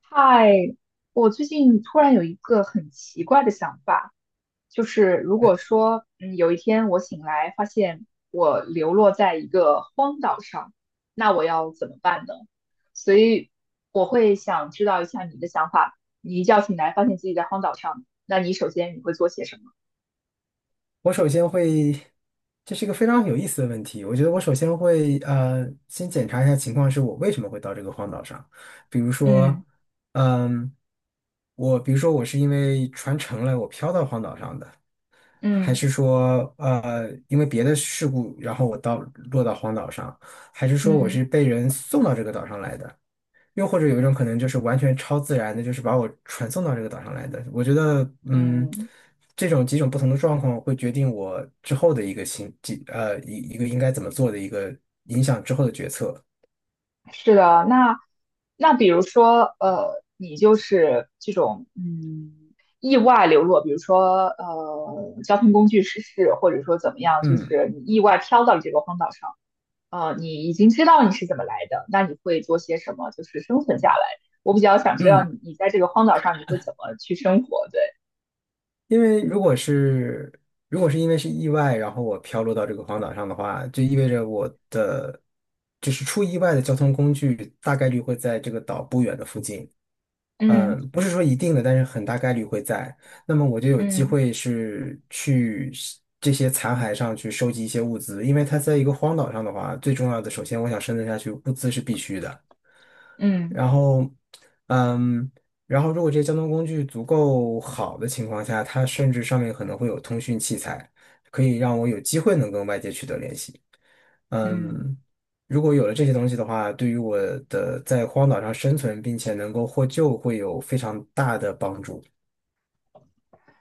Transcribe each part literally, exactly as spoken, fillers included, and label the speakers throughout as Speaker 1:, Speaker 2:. Speaker 1: 嗨，我最近突然有一个很奇怪的想法，就是如
Speaker 2: 哎，
Speaker 1: 果说，嗯，有一天我醒来发现我流落在一个荒岛上，那我要怎么办呢？所以我会想知道一下你的想法。你一觉醒来发现自己在荒岛上，那你首先你会做些什么？
Speaker 2: 我首先会，这是一个非常有意思的问题。我觉得我首先会呃，先检查一下情况，是我为什么会到这个荒岛上。比如
Speaker 1: 嗯
Speaker 2: 说，嗯，我比如说我是因为船沉了，我漂到荒岛上的，还
Speaker 1: 嗯
Speaker 2: 是说呃，因为别的事故，然后我到落到荒岛上，还是说我
Speaker 1: 嗯
Speaker 2: 是被人送到这个岛上来的？又或者有一种可能就是完全超自然的，就是把我传送到这个岛上来的。我觉得，嗯，
Speaker 1: 嗯。
Speaker 2: 这种几种不同的状况会决定我之后的一个行，几呃一一个应该怎么做的一个影响之后的决策。
Speaker 1: 是的，那那比如说，呃，你就是这种嗯意外流落，比如说呃交通工具失事，或者说怎么样，就
Speaker 2: 嗯
Speaker 1: 是你意外飘到了这个荒岛上，呃，你已经知道你是怎么来的，那你会做些什么，就是生存下来？我比较想知道
Speaker 2: 嗯。
Speaker 1: 你你在这个荒岛上你会怎么去生活？对，
Speaker 2: 因为如果是如果是因为是意外，然后我飘落到这个荒岛上的话，就意味着我的就是出意外的交通工具大概率会在这个岛不远的附近。
Speaker 1: 嗯
Speaker 2: 嗯，不是说一定的，但是很大概率会在。那么我就有机
Speaker 1: 嗯
Speaker 2: 会是去是这些残骸上去收集一些物资，因为它在一个荒岛上的话，最重要的，首先我想生存下去，物资是必须的。
Speaker 1: 嗯
Speaker 2: 然后，嗯，然后如果这些交通工具足够好的情况下，它甚至上面可能会有通讯器材，可以让我有机会能跟外界取得联系。
Speaker 1: 嗯。
Speaker 2: 嗯。如果有了这些东西的话，对于我的在荒岛上生存并且能够获救会有非常大的帮助。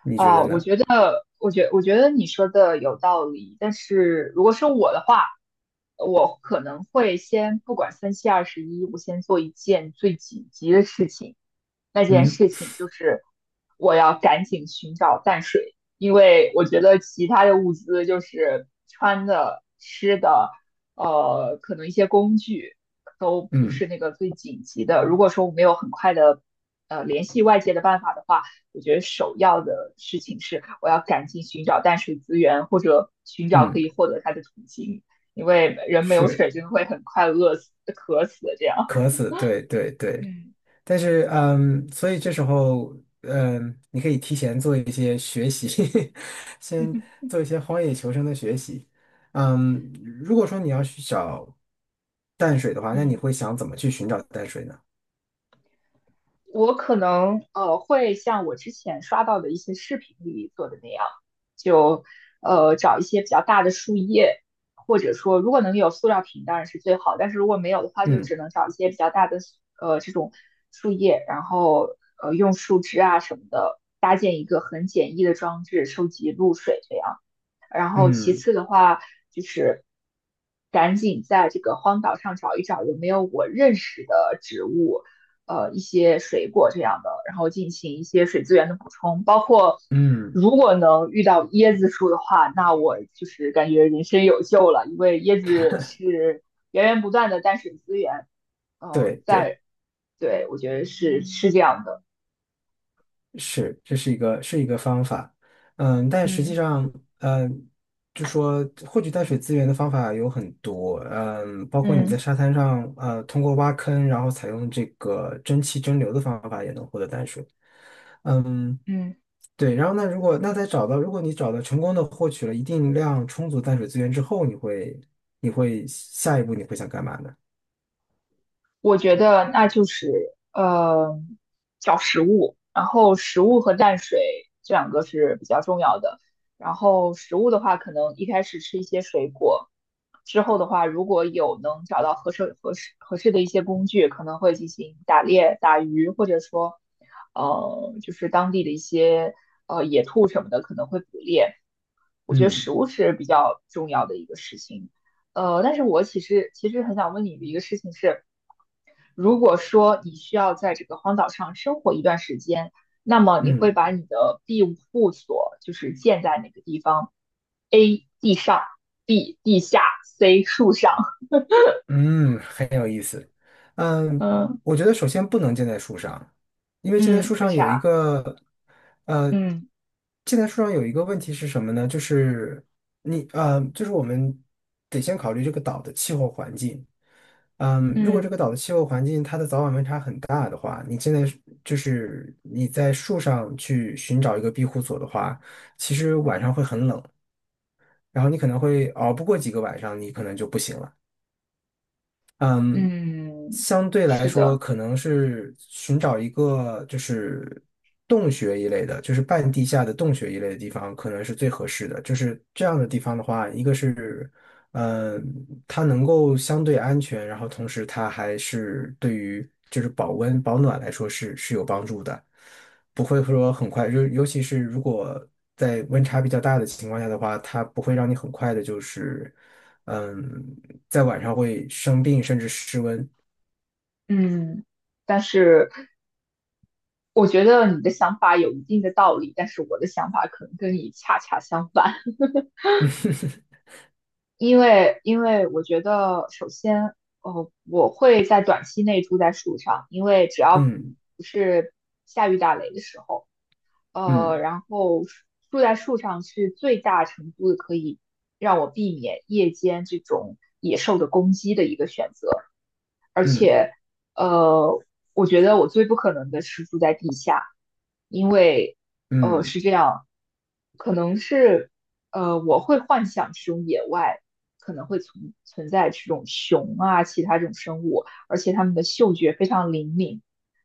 Speaker 2: 你觉
Speaker 1: 啊，
Speaker 2: 得
Speaker 1: 我
Speaker 2: 呢？
Speaker 1: 觉得，我觉，我觉得你说的有道理。但是如果是我的话，我可能会先不管三七二十一，我先做一件最紧急的事情，那件
Speaker 2: 嗯。
Speaker 1: 事情，就是我要赶紧寻找淡水，因为我觉得其他的物资就是穿的、吃的，呃，可能一些工具都不
Speaker 2: 嗯
Speaker 1: 是那个最紧急的。如果说我没有很快的呃联系外界的办法的话，我觉得首要的事情是我要赶紧寻找淡水资源，或者寻找可
Speaker 2: 嗯，
Speaker 1: 以获得它的途径，因为人没有
Speaker 2: 是，
Speaker 1: 水真的会很快饿死、渴死的这样。
Speaker 2: 渴死，对对对。
Speaker 1: 嗯
Speaker 2: 但是，嗯，所以这时候，嗯，你可以提前做一些学习，先 做一些荒野求生的学习。嗯，如果说你要去找淡水的话，那你
Speaker 1: 嗯，
Speaker 2: 会想怎么去寻找淡水呢？
Speaker 1: 我可能呃会像我之前刷到的一些视频里做的那样，就呃找一些比较大的树叶，或者说如果能有塑料瓶当然是最好，但是如果没有的话，就
Speaker 2: 嗯
Speaker 1: 只能找一些比较大的呃这种树叶，然后呃用树枝啊什么的搭建一个很简易的装置收集露水这样。然后其
Speaker 2: 嗯
Speaker 1: 次的话就是赶紧在这个荒岛上找一找有没有我认识的植物，呃，一些水果这样的，然后进行一些水资源的补充，包括
Speaker 2: 嗯，
Speaker 1: 如果能遇到椰子树的话，那我就是感觉人生有救了，因为椰子是源源不断的淡水资源，嗯、
Speaker 2: 对
Speaker 1: 呃
Speaker 2: 对。
Speaker 1: 在对我觉得是是这样的，
Speaker 2: 是，这是一个是一个方法，嗯，但实际
Speaker 1: 嗯
Speaker 2: 上，嗯，就说获取淡水资源的方法有很多，嗯，包括你在
Speaker 1: 嗯
Speaker 2: 沙滩上，呃，通过挖坑，然后采用这个蒸汽蒸馏的方法也能获得淡水。嗯，
Speaker 1: 嗯。
Speaker 2: 对，然后呢，如果那在找到，如果你找到成功的获取了一定量充足淡水资源之后，你会你会下一步你会想干嘛呢？
Speaker 1: 我觉得那就是呃找食物，然后食物和淡水这两个是比较重要的。然后食物的话，可能一开始吃一些水果，之后的话，如果有能找到合适合适合适的一些工具，可能会进行打猎、打鱼，或者说呃就是当地的一些呃野兔什么的，可能会捕猎。我觉得
Speaker 2: 嗯
Speaker 1: 食物是比较重要的一个事情。呃，但是我其实其实很想问你的一个事情是，如果说你需要在这个荒岛上生活一段时间，那么你会
Speaker 2: 嗯
Speaker 1: 把你的庇护所就是建在哪个地方？A 地上，B 地下，C 树上。
Speaker 2: 嗯。嗯，
Speaker 1: 嗯
Speaker 2: 我觉得首先不能建在树上，因为建在
Speaker 1: 嗯，
Speaker 2: 树
Speaker 1: 为
Speaker 2: 上有一
Speaker 1: 啥？
Speaker 2: 个，呃，
Speaker 1: 嗯
Speaker 2: 建在树上有一个问题是什么呢？就是你，呃，就是我们得先考虑这个岛的气候环境。嗯，如果这
Speaker 1: 嗯
Speaker 2: 个岛的气候环境它的早晚温差很大的话，你现在是就是你在树上去寻找一个庇护所的话，其实晚上会很冷，然后你可能会熬不过几个晚上，你可能就不行了。嗯，
Speaker 1: 嗯，
Speaker 2: 相对来
Speaker 1: 是
Speaker 2: 说，
Speaker 1: 的，
Speaker 2: 可能是寻找一个就是洞穴一类的，就是半地下的洞穴一类的地方，可能是最合适的。就是这样的地方的话，一个是，嗯，它能够相对安全，然后同时它还是对于就是保温保暖来说是是有帮助的，不会说很快，就尤其是如果在温差比较大的情况下的话，它不会让你很快的就是。嗯，在晚上会生病，甚至失温。
Speaker 1: 嗯，但是我觉得你的想法有一定的道理，但是我的想法可能跟你恰恰相反。因为因为我觉得，首先，呃，我会在短期内住在树上，因为只要不
Speaker 2: 嗯
Speaker 1: 不是下雨打雷的时候，呃，
Speaker 2: 嗯
Speaker 1: 然后住在树上是最大程度的可以让我避免夜间这种野兽的攻击的一个选择。而
Speaker 2: 嗯
Speaker 1: 且，呃，我觉得我最不可能的是住在地下，因为，呃，
Speaker 2: 嗯
Speaker 1: 是
Speaker 2: 嗯
Speaker 1: 这样，可能是，呃，我会幻想这种野外可能会存存在这种熊啊，其他这种生物，而且它们的嗅觉非常灵敏。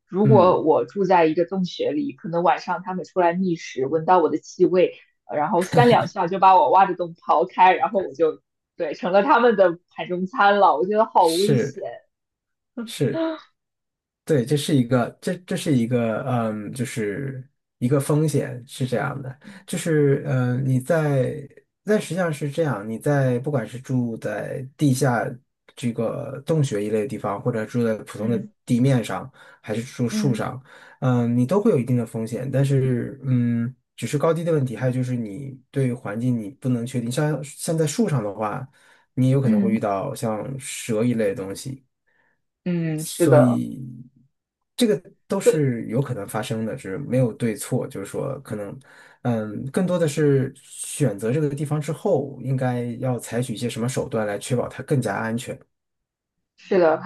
Speaker 1: 如果
Speaker 2: 嗯，
Speaker 1: 我住在一个洞穴里，可能晚上它们出来觅食，闻到我的气味，呃然后三两下就把我挖的洞刨开，然后我就，对，成了他们的盘中餐了。我觉得好危险。
Speaker 2: 是是。对，这是一个，这这是一个，嗯，就是一个风险是这样的，就是，嗯，你在，但实际上是这样，你在不管是住在地下这个洞穴一类的地方，或者住在普通的
Speaker 1: 嗯
Speaker 2: 地面上，还是住树
Speaker 1: 嗯
Speaker 2: 上，嗯，你都会有一定的风险，但是，嗯，只是高低的问题，还有就是你对环境你不能确定，像像在树上的话，你有可能会
Speaker 1: 嗯
Speaker 2: 遇到像蛇一类的东西。
Speaker 1: 嗯，是的，
Speaker 2: 这个都
Speaker 1: 对，
Speaker 2: 是有可能发生的，是没有对错，就是说可能，嗯，更多的是选择这个地方之后，应该要采取一些什么手段来确保它更加安全。
Speaker 1: 是的，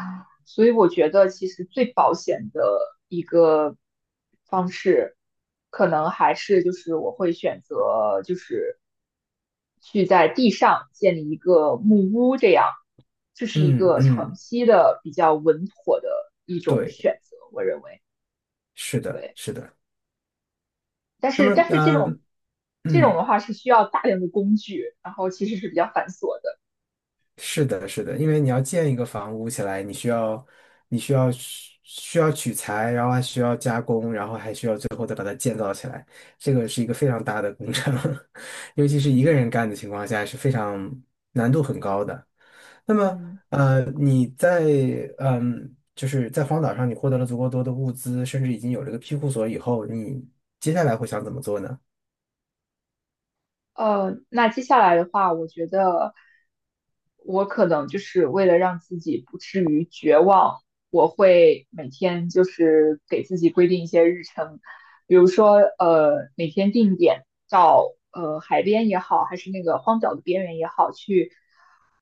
Speaker 1: 所以我觉得其实最保险的一个方式，可能还是就是我会选择就是去在地上建立一个木屋，这样，这是一
Speaker 2: 嗯，
Speaker 1: 个长
Speaker 2: 嗯，
Speaker 1: 期的比较稳妥的一种
Speaker 2: 对，
Speaker 1: 选择，我认为，
Speaker 2: 是的，
Speaker 1: 对，
Speaker 2: 是的。
Speaker 1: 但
Speaker 2: 那
Speaker 1: 是
Speaker 2: 么，
Speaker 1: 但是这种
Speaker 2: 嗯
Speaker 1: 这种
Speaker 2: 嗯。
Speaker 1: 的话是需要大量的工具，然后其实是比较繁琐的，
Speaker 2: 是的，是的，因为你要建一个房屋起来，你需要，你需要需要取材，然后还需要加工，然后还需要最后再把它建造起来，这个是一个非常大的工程，尤其是一个人 干的情况下是非常难度很高的。那么，
Speaker 1: 嗯。
Speaker 2: 呃，你在嗯，就是在荒岛上，你获得了足够多的物资，甚至已经有了一个庇护所以后，你接下来会想怎么做呢？
Speaker 1: 呃，那接下来的话，我觉得我可能就是为了让自己不至于绝望，我会每天就是给自己规定一些日程，比如说呃每天定点到呃海边也好，还是那个荒岛的边缘也好，去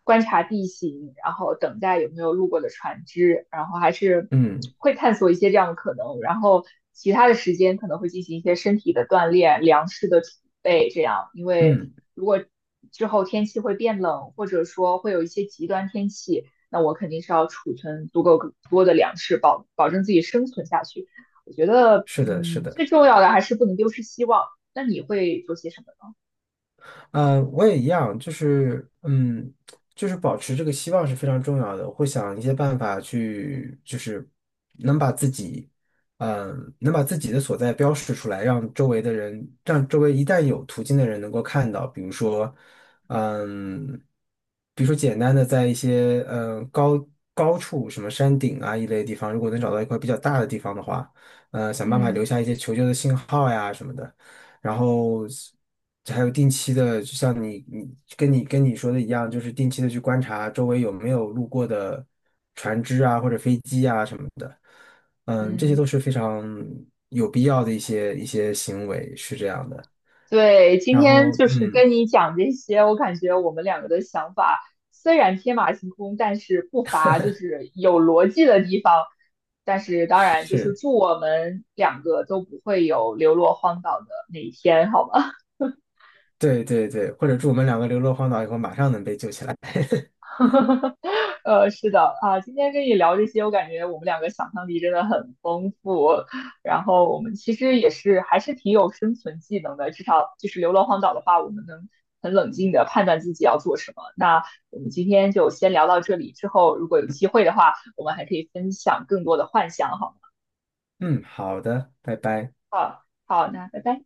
Speaker 1: 观察地形，然后等待有没有路过的船只，然后还是
Speaker 2: 嗯
Speaker 1: 会探索一些这样的可能，然后其他的时间可能会进行一些身体的锻炼、粮食的储备，这样，因为
Speaker 2: 嗯，
Speaker 1: 如果之后天气会变冷，或者说会有一些极端天气，那我肯定是要储存足够多的粮食，保保证自己生存下去。我觉得，
Speaker 2: 是的，是
Speaker 1: 嗯，
Speaker 2: 的。
Speaker 1: 最重要的还是不能丢失希望。那你会做些什么呢？
Speaker 2: 嗯，我也一样，就是嗯，就是保持这个希望是非常重要的。我会想一些办法去，就是能把自己，嗯，能把自己的所在标示出来，让周围的人，让周围一旦有途径的人能够看到。比如说，嗯，比如说简单的在一些嗯高高处，什么山顶啊一类地方，如果能找到一块比较大的地方的话，呃，想办法留
Speaker 1: 嗯
Speaker 2: 下一些求救的信号呀什么的。然后还有定期的，就像你你跟你跟你说的一样，就是定期的去观察周围有没有路过的船只啊或者飞机啊什么的，嗯，这些
Speaker 1: 嗯
Speaker 2: 都是非常有必要的一些一些行为，是这样的。
Speaker 1: 对，今
Speaker 2: 然
Speaker 1: 天
Speaker 2: 后
Speaker 1: 就是
Speaker 2: 嗯，
Speaker 1: 跟你讲这些，我感觉我们两个的想法虽然天马行空，但是不乏就是有逻辑的地方。但是当然，就是
Speaker 2: 是，
Speaker 1: 祝我们两个都不会有流落荒岛的那一天，好吗？
Speaker 2: 对对对，或者祝我们两个流落荒岛以后马上能被救起来。
Speaker 1: 呃，是的啊，今天跟你聊这些，我感觉我们两个想象力真的很丰富，然后我们其实也是还是挺有生存技能的，至少就是流落荒岛的话，我们能很冷静的判断自己要做什么。那我们今天就先聊到这里，之后如果有机会的话，我们还可以分享更多的幻想，好吗？
Speaker 2: 嗯，好的，拜拜。
Speaker 1: 好，好，那拜拜。